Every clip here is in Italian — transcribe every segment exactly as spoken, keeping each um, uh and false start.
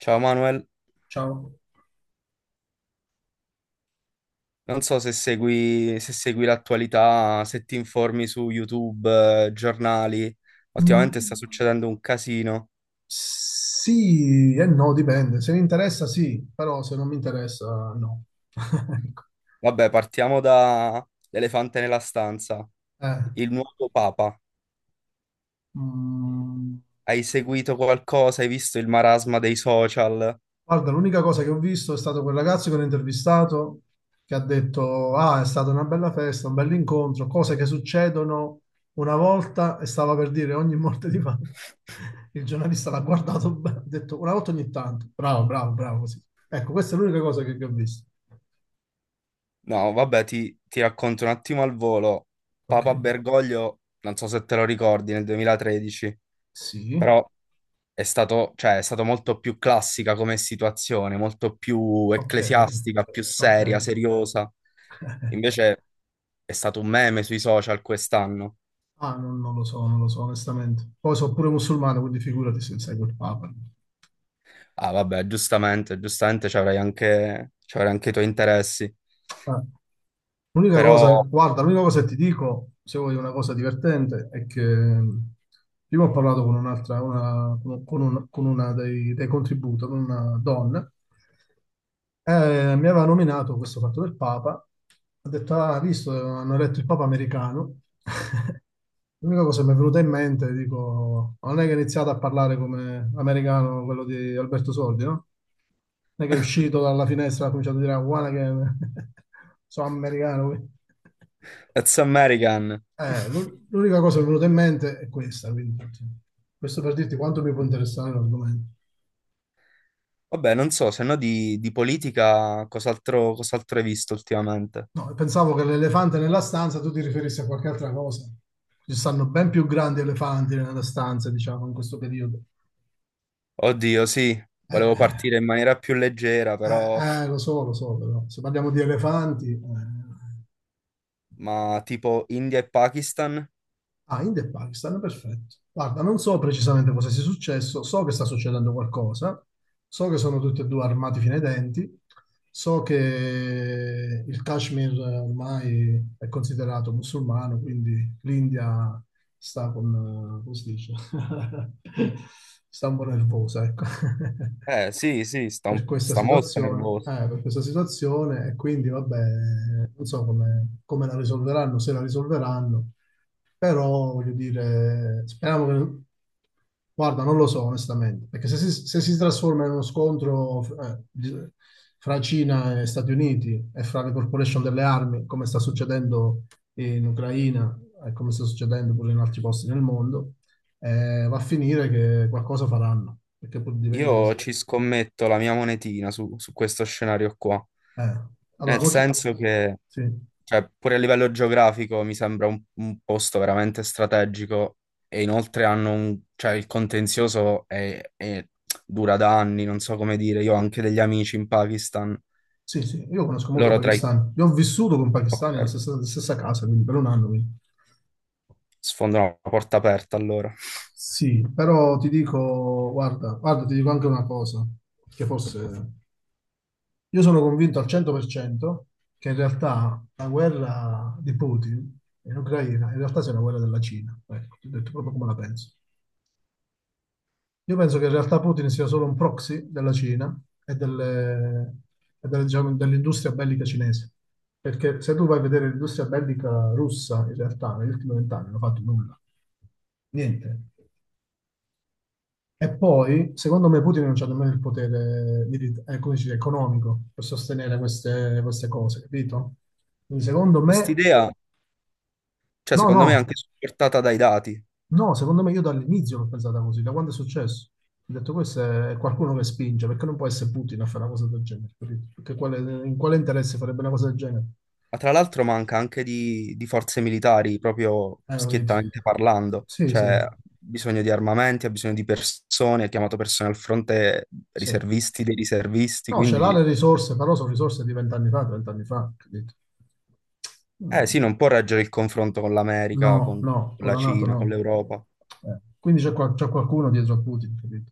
Ciao Manuel, Ciao. non so se segui, se segui l'attualità, se ti informi su YouTube, eh, giornali. Ultimamente sta Mm, succedendo un casino. sì e no, dipende. Se mi interessa sì, però se non mi interessa no. Ecco. Vabbè, partiamo da l'elefante nella stanza, Eh. il nuovo Papa. Mm, Hai seguito qualcosa? Hai visto il marasma dei social? guarda, l'unica cosa che ho visto è stato quel ragazzo che ho intervistato che ha detto, ah, è stata una bella festa, un bel incontro, cose che succedono una volta e stava per dire ogni morte di Papa. Il giornalista l'ha guardato bene, ha detto una volta ogni tanto. Bravo, bravo, bravo, così. Ecco, questa è l'unica cosa che, che ho visto. No, vabbè, ti, ti racconto un attimo al volo. Ok, Papa Bergoglio, non so se te lo ricordi, nel duemilatredici, sì. però è stato, cioè, è stato molto più classica come situazione, molto più Okay, ecclesiastica, più seria, okay. seriosa. Invece è stato un meme sui social quest'anno. Ah, non non lo so, non lo so onestamente. Poi so' pure musulmano, quindi figurati se seguo il Papa. Ah, vabbè, giustamente, giustamente ci avrai anche, ci avrai anche i tuoi interessi. Eh. L'unica Però, cosa guarda, l'unica cosa che ti dico, se vuoi una cosa divertente, è che mh, prima ho parlato con un'altra una con con un con una dei dei contributor, con una donna eh, mi aveva nominato questo fatto del Papa, ha detto: "Ah, hai visto, hanno eletto il Papa americano." L'unica cosa che mi è venuta in mente, dico, ma non è che ha iniziato a parlare come americano quello di Alberto Sordi, no? Non è che è uscito dalla finestra e ha cominciato a dire, "Ah, guarda che sono americano, quindi". that's American. Eh, l'u- l'unica cosa che mi è venuta in mente è questa, quindi, questo per dirti quanto mi può interessare l'argomento. Vabbè, non so, se no di, di politica cos'altro cos'altro hai visto ultimamente? No, pensavo che l'elefante nella stanza tu ti riferissi a qualche altra cosa. Ci stanno ben più grandi elefanti nella stanza, diciamo, in questo periodo. Oddio, sì, volevo Eh. partire in maniera più leggera, Eh, però. eh, lo so, lo so, però se parliamo di elefanti. Eh. Ma tipo India e Pakistan? Ah, India e Pakistan, perfetto. Guarda, non so precisamente cosa sia successo, so che sta succedendo qualcosa, so che sono tutti e due armati fino ai denti, so che il Kashmir ormai è considerato musulmano, quindi l'India sta con, eh, come si dice, sta un po' nervosa, ecco. Eh sì, sì, sta, Per un- questa sta molto situazione, nervoso. eh, per questa situazione e quindi vabbè, non so come, come la risolveranno, se la risolveranno, però, voglio dire, speriamo che... Guarda, non lo so onestamente, perché se si, se si trasforma in uno scontro eh, di- fra Cina e Stati Uniti e fra le corporation delle armi, come sta succedendo in Ucraina e come sta succedendo pure in altri posti nel mondo, eh, va a finire che qualcosa faranno, perché pur di vendere. Io ci scommetto la mia monetina su, su questo scenario qua, Eh. Allora, nel molti- senso che, sì, cioè, pure a livello geografico mi sembra un, un posto veramente strategico e inoltre hanno un, cioè, il contenzioso è, è- dura da anni, non so come dire, io ho anche degli amici in Pakistan, sì, sì, io conosco molti loro tra i. pakistani, io ho vissuto con pakistani Ok, nella stessa, stessa casa, quindi per un anno. Quindi. sfondano la porta aperta allora. Sì, però ti dico, guarda, guarda, ti dico anche una cosa, che forse io sono convinto al cento per cento che in realtà la guerra di Putin in Ucraina in realtà sia una guerra della Cina, ecco, ti ho detto proprio come la penso. Io penso che in realtà Putin sia solo un proxy della Cina e delle- e delle, diciamo, dell'industria bellica cinese, perché se tu vai a vedere l'industria bellica russa, in realtà negli ultimi vent'anni non ha fatto nulla, niente. E poi, secondo me, Putin non c'ha nemmeno il potere mili- eh, come si dice, economico per sostenere queste, queste cose, capito? Quindi, secondo me, Quest'idea, cioè, no, secondo me è no, anche supportata dai dati. no, secondo me io dall'inizio l'ho pensata così, da quando è successo. Ho detto, questo è qualcuno che spinge, perché non può essere Putin a fare una cosa del genere, capito? Perché quale- in quale interesse farebbe una cosa del genere? Ma tra Sì. l'altro manca anche di, di forze militari, proprio Eh, lo vedi. schiettamente parlando. Sì, Cioè, sì, ha bisogno di armamenti, ha bisogno di persone, ha chiamato persone al fronte, sì. riservisti dei riservisti, No, ce l'ha quindi le risorse, però sono risorse di vent'anni fa, trent'anni fa, capito? eh sì, Mm. non può reggere il confronto con l'America, No, con no, con con la la NATO Cina, con no. l'Europa. Eh, quindi c'è qua- c'è qualcuno dietro a Putin, capito?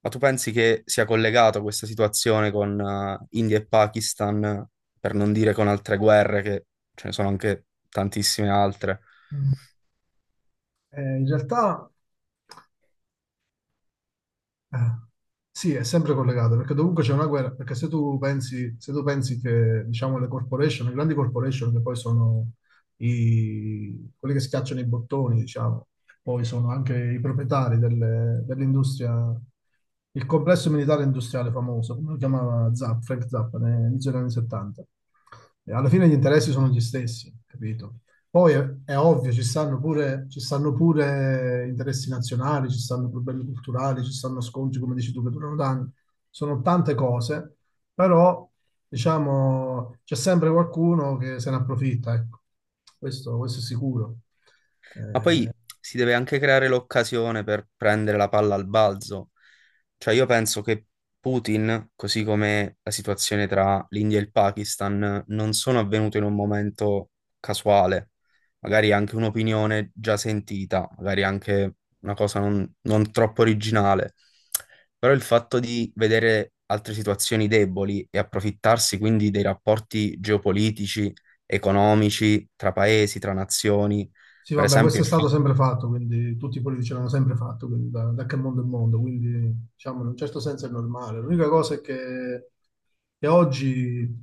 Ma tu pensi che sia collegato questa situazione con eh, India e Pakistan, per non dire con altre guerre, che ce ne sono anche tantissime altre? Eh, in realtà eh, sì, è sempre collegato, perché dovunque c'è una guerra, perché se tu pensi, se tu pensi che diciamo, le corporation, le grandi corporation che poi sono i, quelli che schiacciano i bottoni, diciamo, poi sono anche i proprietari delle- dell'industria, il complesso militare industriale famoso, come lo chiamava Zapp, Frank Zappa, all'inizio degli anni settanta. E alla fine gli interessi sono gli stessi, capito? Poi è, è ovvio, ci stanno pure, ci stanno pure interessi nazionali, ci stanno problemi culturali, ci stanno scontri, come dici tu, che durano da anni. Sono tante cose, però diciamo c'è sempre qualcuno che se ne approfitta, ecco. Questo, questo è sicuro. Ma poi si deve anche creare l'occasione per prendere la palla al balzo. Cioè io penso che Putin, così come la situazione tra l'India e il Pakistan, non sono avvenute in un momento casuale. Magari anche un'opinione già sentita, magari anche una cosa non, non troppo originale. Però il fatto di vedere altre situazioni deboli e approfittarsi quindi dei rapporti geopolitici, economici, tra paesi, tra nazioni Sì, per vabbè, questo esempio, è il stato fatto. sempre fatto, quindi tutti i politici l'hanno sempre fatto, quindi da, da che mondo è mondo, quindi diciamo in un certo senso è normale. L'unica cosa è che che oggi,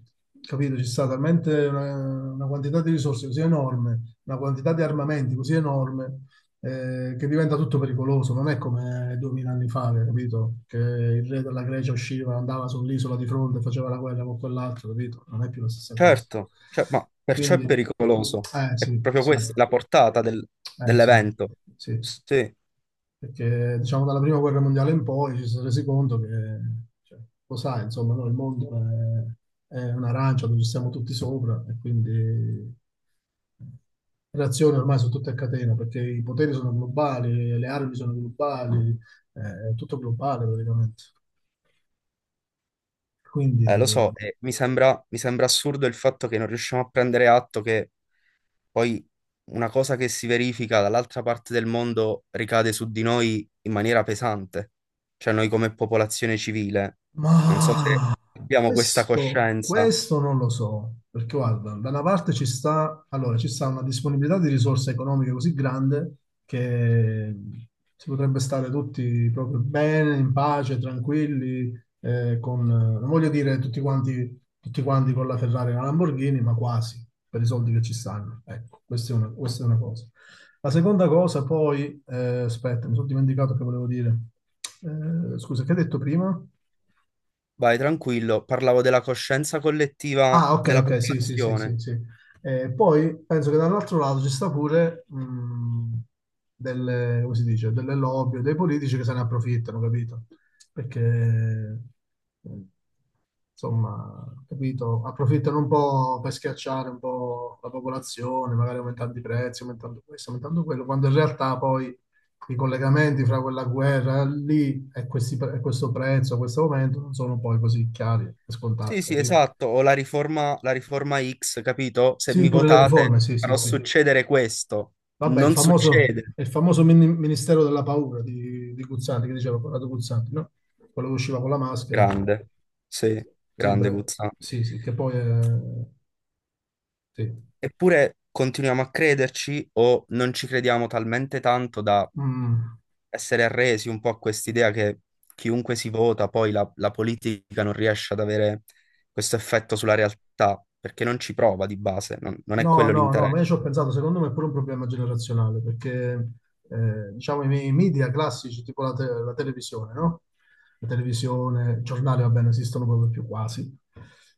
capito, ci sta talmente una, una quantità di risorse così enorme, una quantità di armamenti così enorme, eh, che diventa tutto pericoloso. Non è come duemila anni fa, che, capito, che il re della Grecia usciva, andava sull'isola di fronte, e faceva la guerra con quell'altro, capito? Non è più la stessa cosa. Certo, cioè, ma perciò è Quindi, pericoloso. eh È sì, proprio sì, eh questa la portata del- sì, dell'evento. sì, Sì, perché diciamo dalla prima guerra mondiale in poi ci si è resi conto che, cioè, lo sai, insomma, no, il mondo è, è un'arancia dove ci siamo tutti sopra e quindi eh, le azioni ormai sono tutte a catena perché i poteri sono globali, le armi sono globali, eh, è tutto globale praticamente. eh, lo Quindi. so, e mi sembra, mi sembra assurdo il fatto che non riusciamo a prendere atto che poi una cosa che si verifica dall'altra parte del mondo ricade su di noi in maniera pesante. Cioè noi come popolazione civile. Non so se Ma abbiamo questa questo, coscienza. questo non lo so, perché guarda, da una parte ci sta, allora, ci sta una disponibilità di risorse economiche così grande che si potrebbe stare tutti proprio bene, in pace, tranquilli, eh, con, non voglio dire tutti quanti, tutti quanti con la Ferrari e la Lamborghini, ma quasi, per i soldi che ci stanno. Ecco, questa è una, questa è una cosa. La seconda cosa, poi, eh, aspetta, mi sono dimenticato che volevo dire. Eh, scusa, che hai detto prima? Vai, tranquillo, parlavo della coscienza collettiva Ah, ok, della ok, sì, sì, sì, sì, popolazione. sì. Eh, poi penso che dall'altro lato ci sta pure mh, delle, come si dice, delle lobby, o dei politici che se ne approfittano, capito? Perché, eh, insomma, capito, approfittano un po' per schiacciare un po' la popolazione, magari aumentando i prezzi, aumentando questo, aumentando quello, quando in realtà poi i collegamenti fra quella guerra lì e, questi pre- e questo prezzo, questo aumento non sono poi così chiari e Sì, scontati, sì, capito? esatto, o la riforma, la riforma X, capito? Se Sì, mi pure le votate riforme, sì, sì, farò sì. succedere questo. Vabbè, il Non famoso, succede. il famoso mini- Ministero della Paura di, di Guzzanti, che diceva Corrado Guzzanti, no? Quello che usciva con la maschera. Grande, sì, Sì, grande bra- Guzzanti. sì, sì, che poi è. Sì. Eppure continuiamo a crederci o non ci crediamo talmente tanto da Mm. essere arresi un po' a quest'idea che chiunque si vota, poi la, la politica non riesce ad avere questo effetto sulla realtà, perché non ci prova di base, non non è No, quello no, no, ma io ci l'interesse. ho pensato, secondo me è pure un problema generazionale, perché eh, diciamo i miei media classici, tipo la, te- la televisione, no? La televisione, i giornali, va bene, esistono proprio più quasi.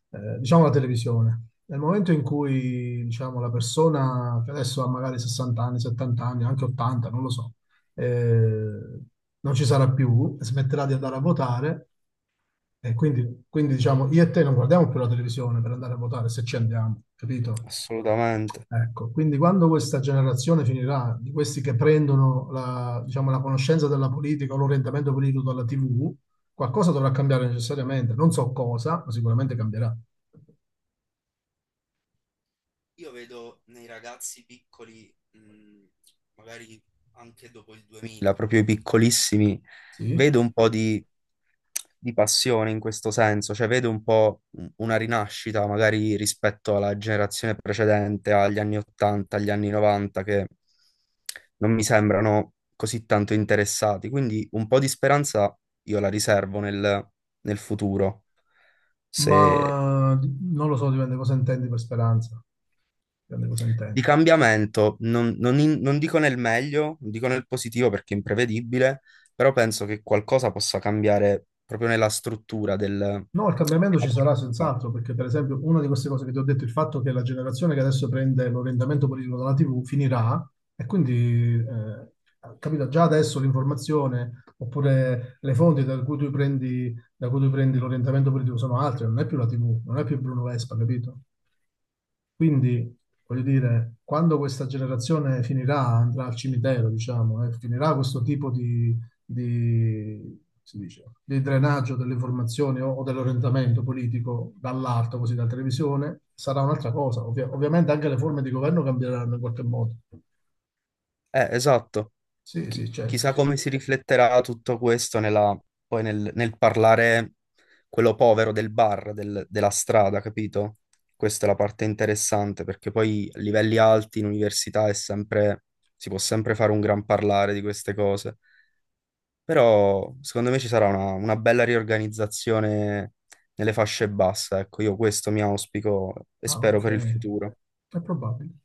Eh, diciamo la televisione. Nel momento in cui, diciamo, la persona che adesso ha magari sessanta anni, settanta anni, anche ottanta, non lo so, eh, non ci sarà più, smetterà di andare a votare, e quindi, quindi, diciamo, io e te non guardiamo più la televisione per andare a votare se ci andiamo, capito? Assolutamente. Ecco, quindi quando questa generazione finirà, di questi che prendono la, diciamo, la conoscenza della politica o l'orientamento politico dalla T V, qualcosa dovrà cambiare necessariamente. Non so cosa, ma sicuramente cambierà. Io vedo nei ragazzi piccoli, mh, magari anche dopo il duemila, proprio i piccolissimi, Sì, vedo un po' di, di passione in questo senso, cioè vedo un po' un- una rinascita magari rispetto alla generazione precedente, agli anni ottanta, agli anni novanta, che non mi sembrano così tanto interessati. Quindi un po' di speranza io la riservo nel, nel, futuro, ma di- non lo so, dipende cosa intendi per speranza. Dipende cosa di intendi. cambiamento, non, non in- non dico nel meglio, non dico nel positivo perché è imprevedibile, però penso che qualcosa possa cambiare proprio nella struttura del- No, della il cambiamento ci sarà politica. senz'altro, perché per esempio una di queste cose che ti ho detto, il fatto che la generazione che adesso prende l'orientamento politico dalla T V finirà e quindi, eh, capito, già adesso l'informazione oppure le fonti da cui tu prendi, da cui tu prendi l'orientamento politico sono altre, non è più la tivù, non è più Bruno Vespa, capito? Quindi, voglio dire, quando questa generazione finirà, andrà al cimitero, diciamo, e finirà questo tipo di, di, si dice, di drenaggio delle informazioni o, o dell'orientamento politico dall'alto, così dalla televisione, sarà un'altra cosa. Ovvia- ovviamente anche le forme di governo cambieranno in qualche modo. Eh, esatto. Sì, Chi- sì, certo. chissà come si rifletterà tutto questo nella- poi nel, nel parlare quello povero del bar, del- della strada, capito? Questa è la parte interessante perché poi a livelli alti in università è sempre, si può sempre fare un gran parlare di queste cose. Però secondo me ci sarà una, una, bella riorganizzazione nelle fasce basse, ecco, io questo mi auspico e Ah, spero ok. per il futuro. È probabile.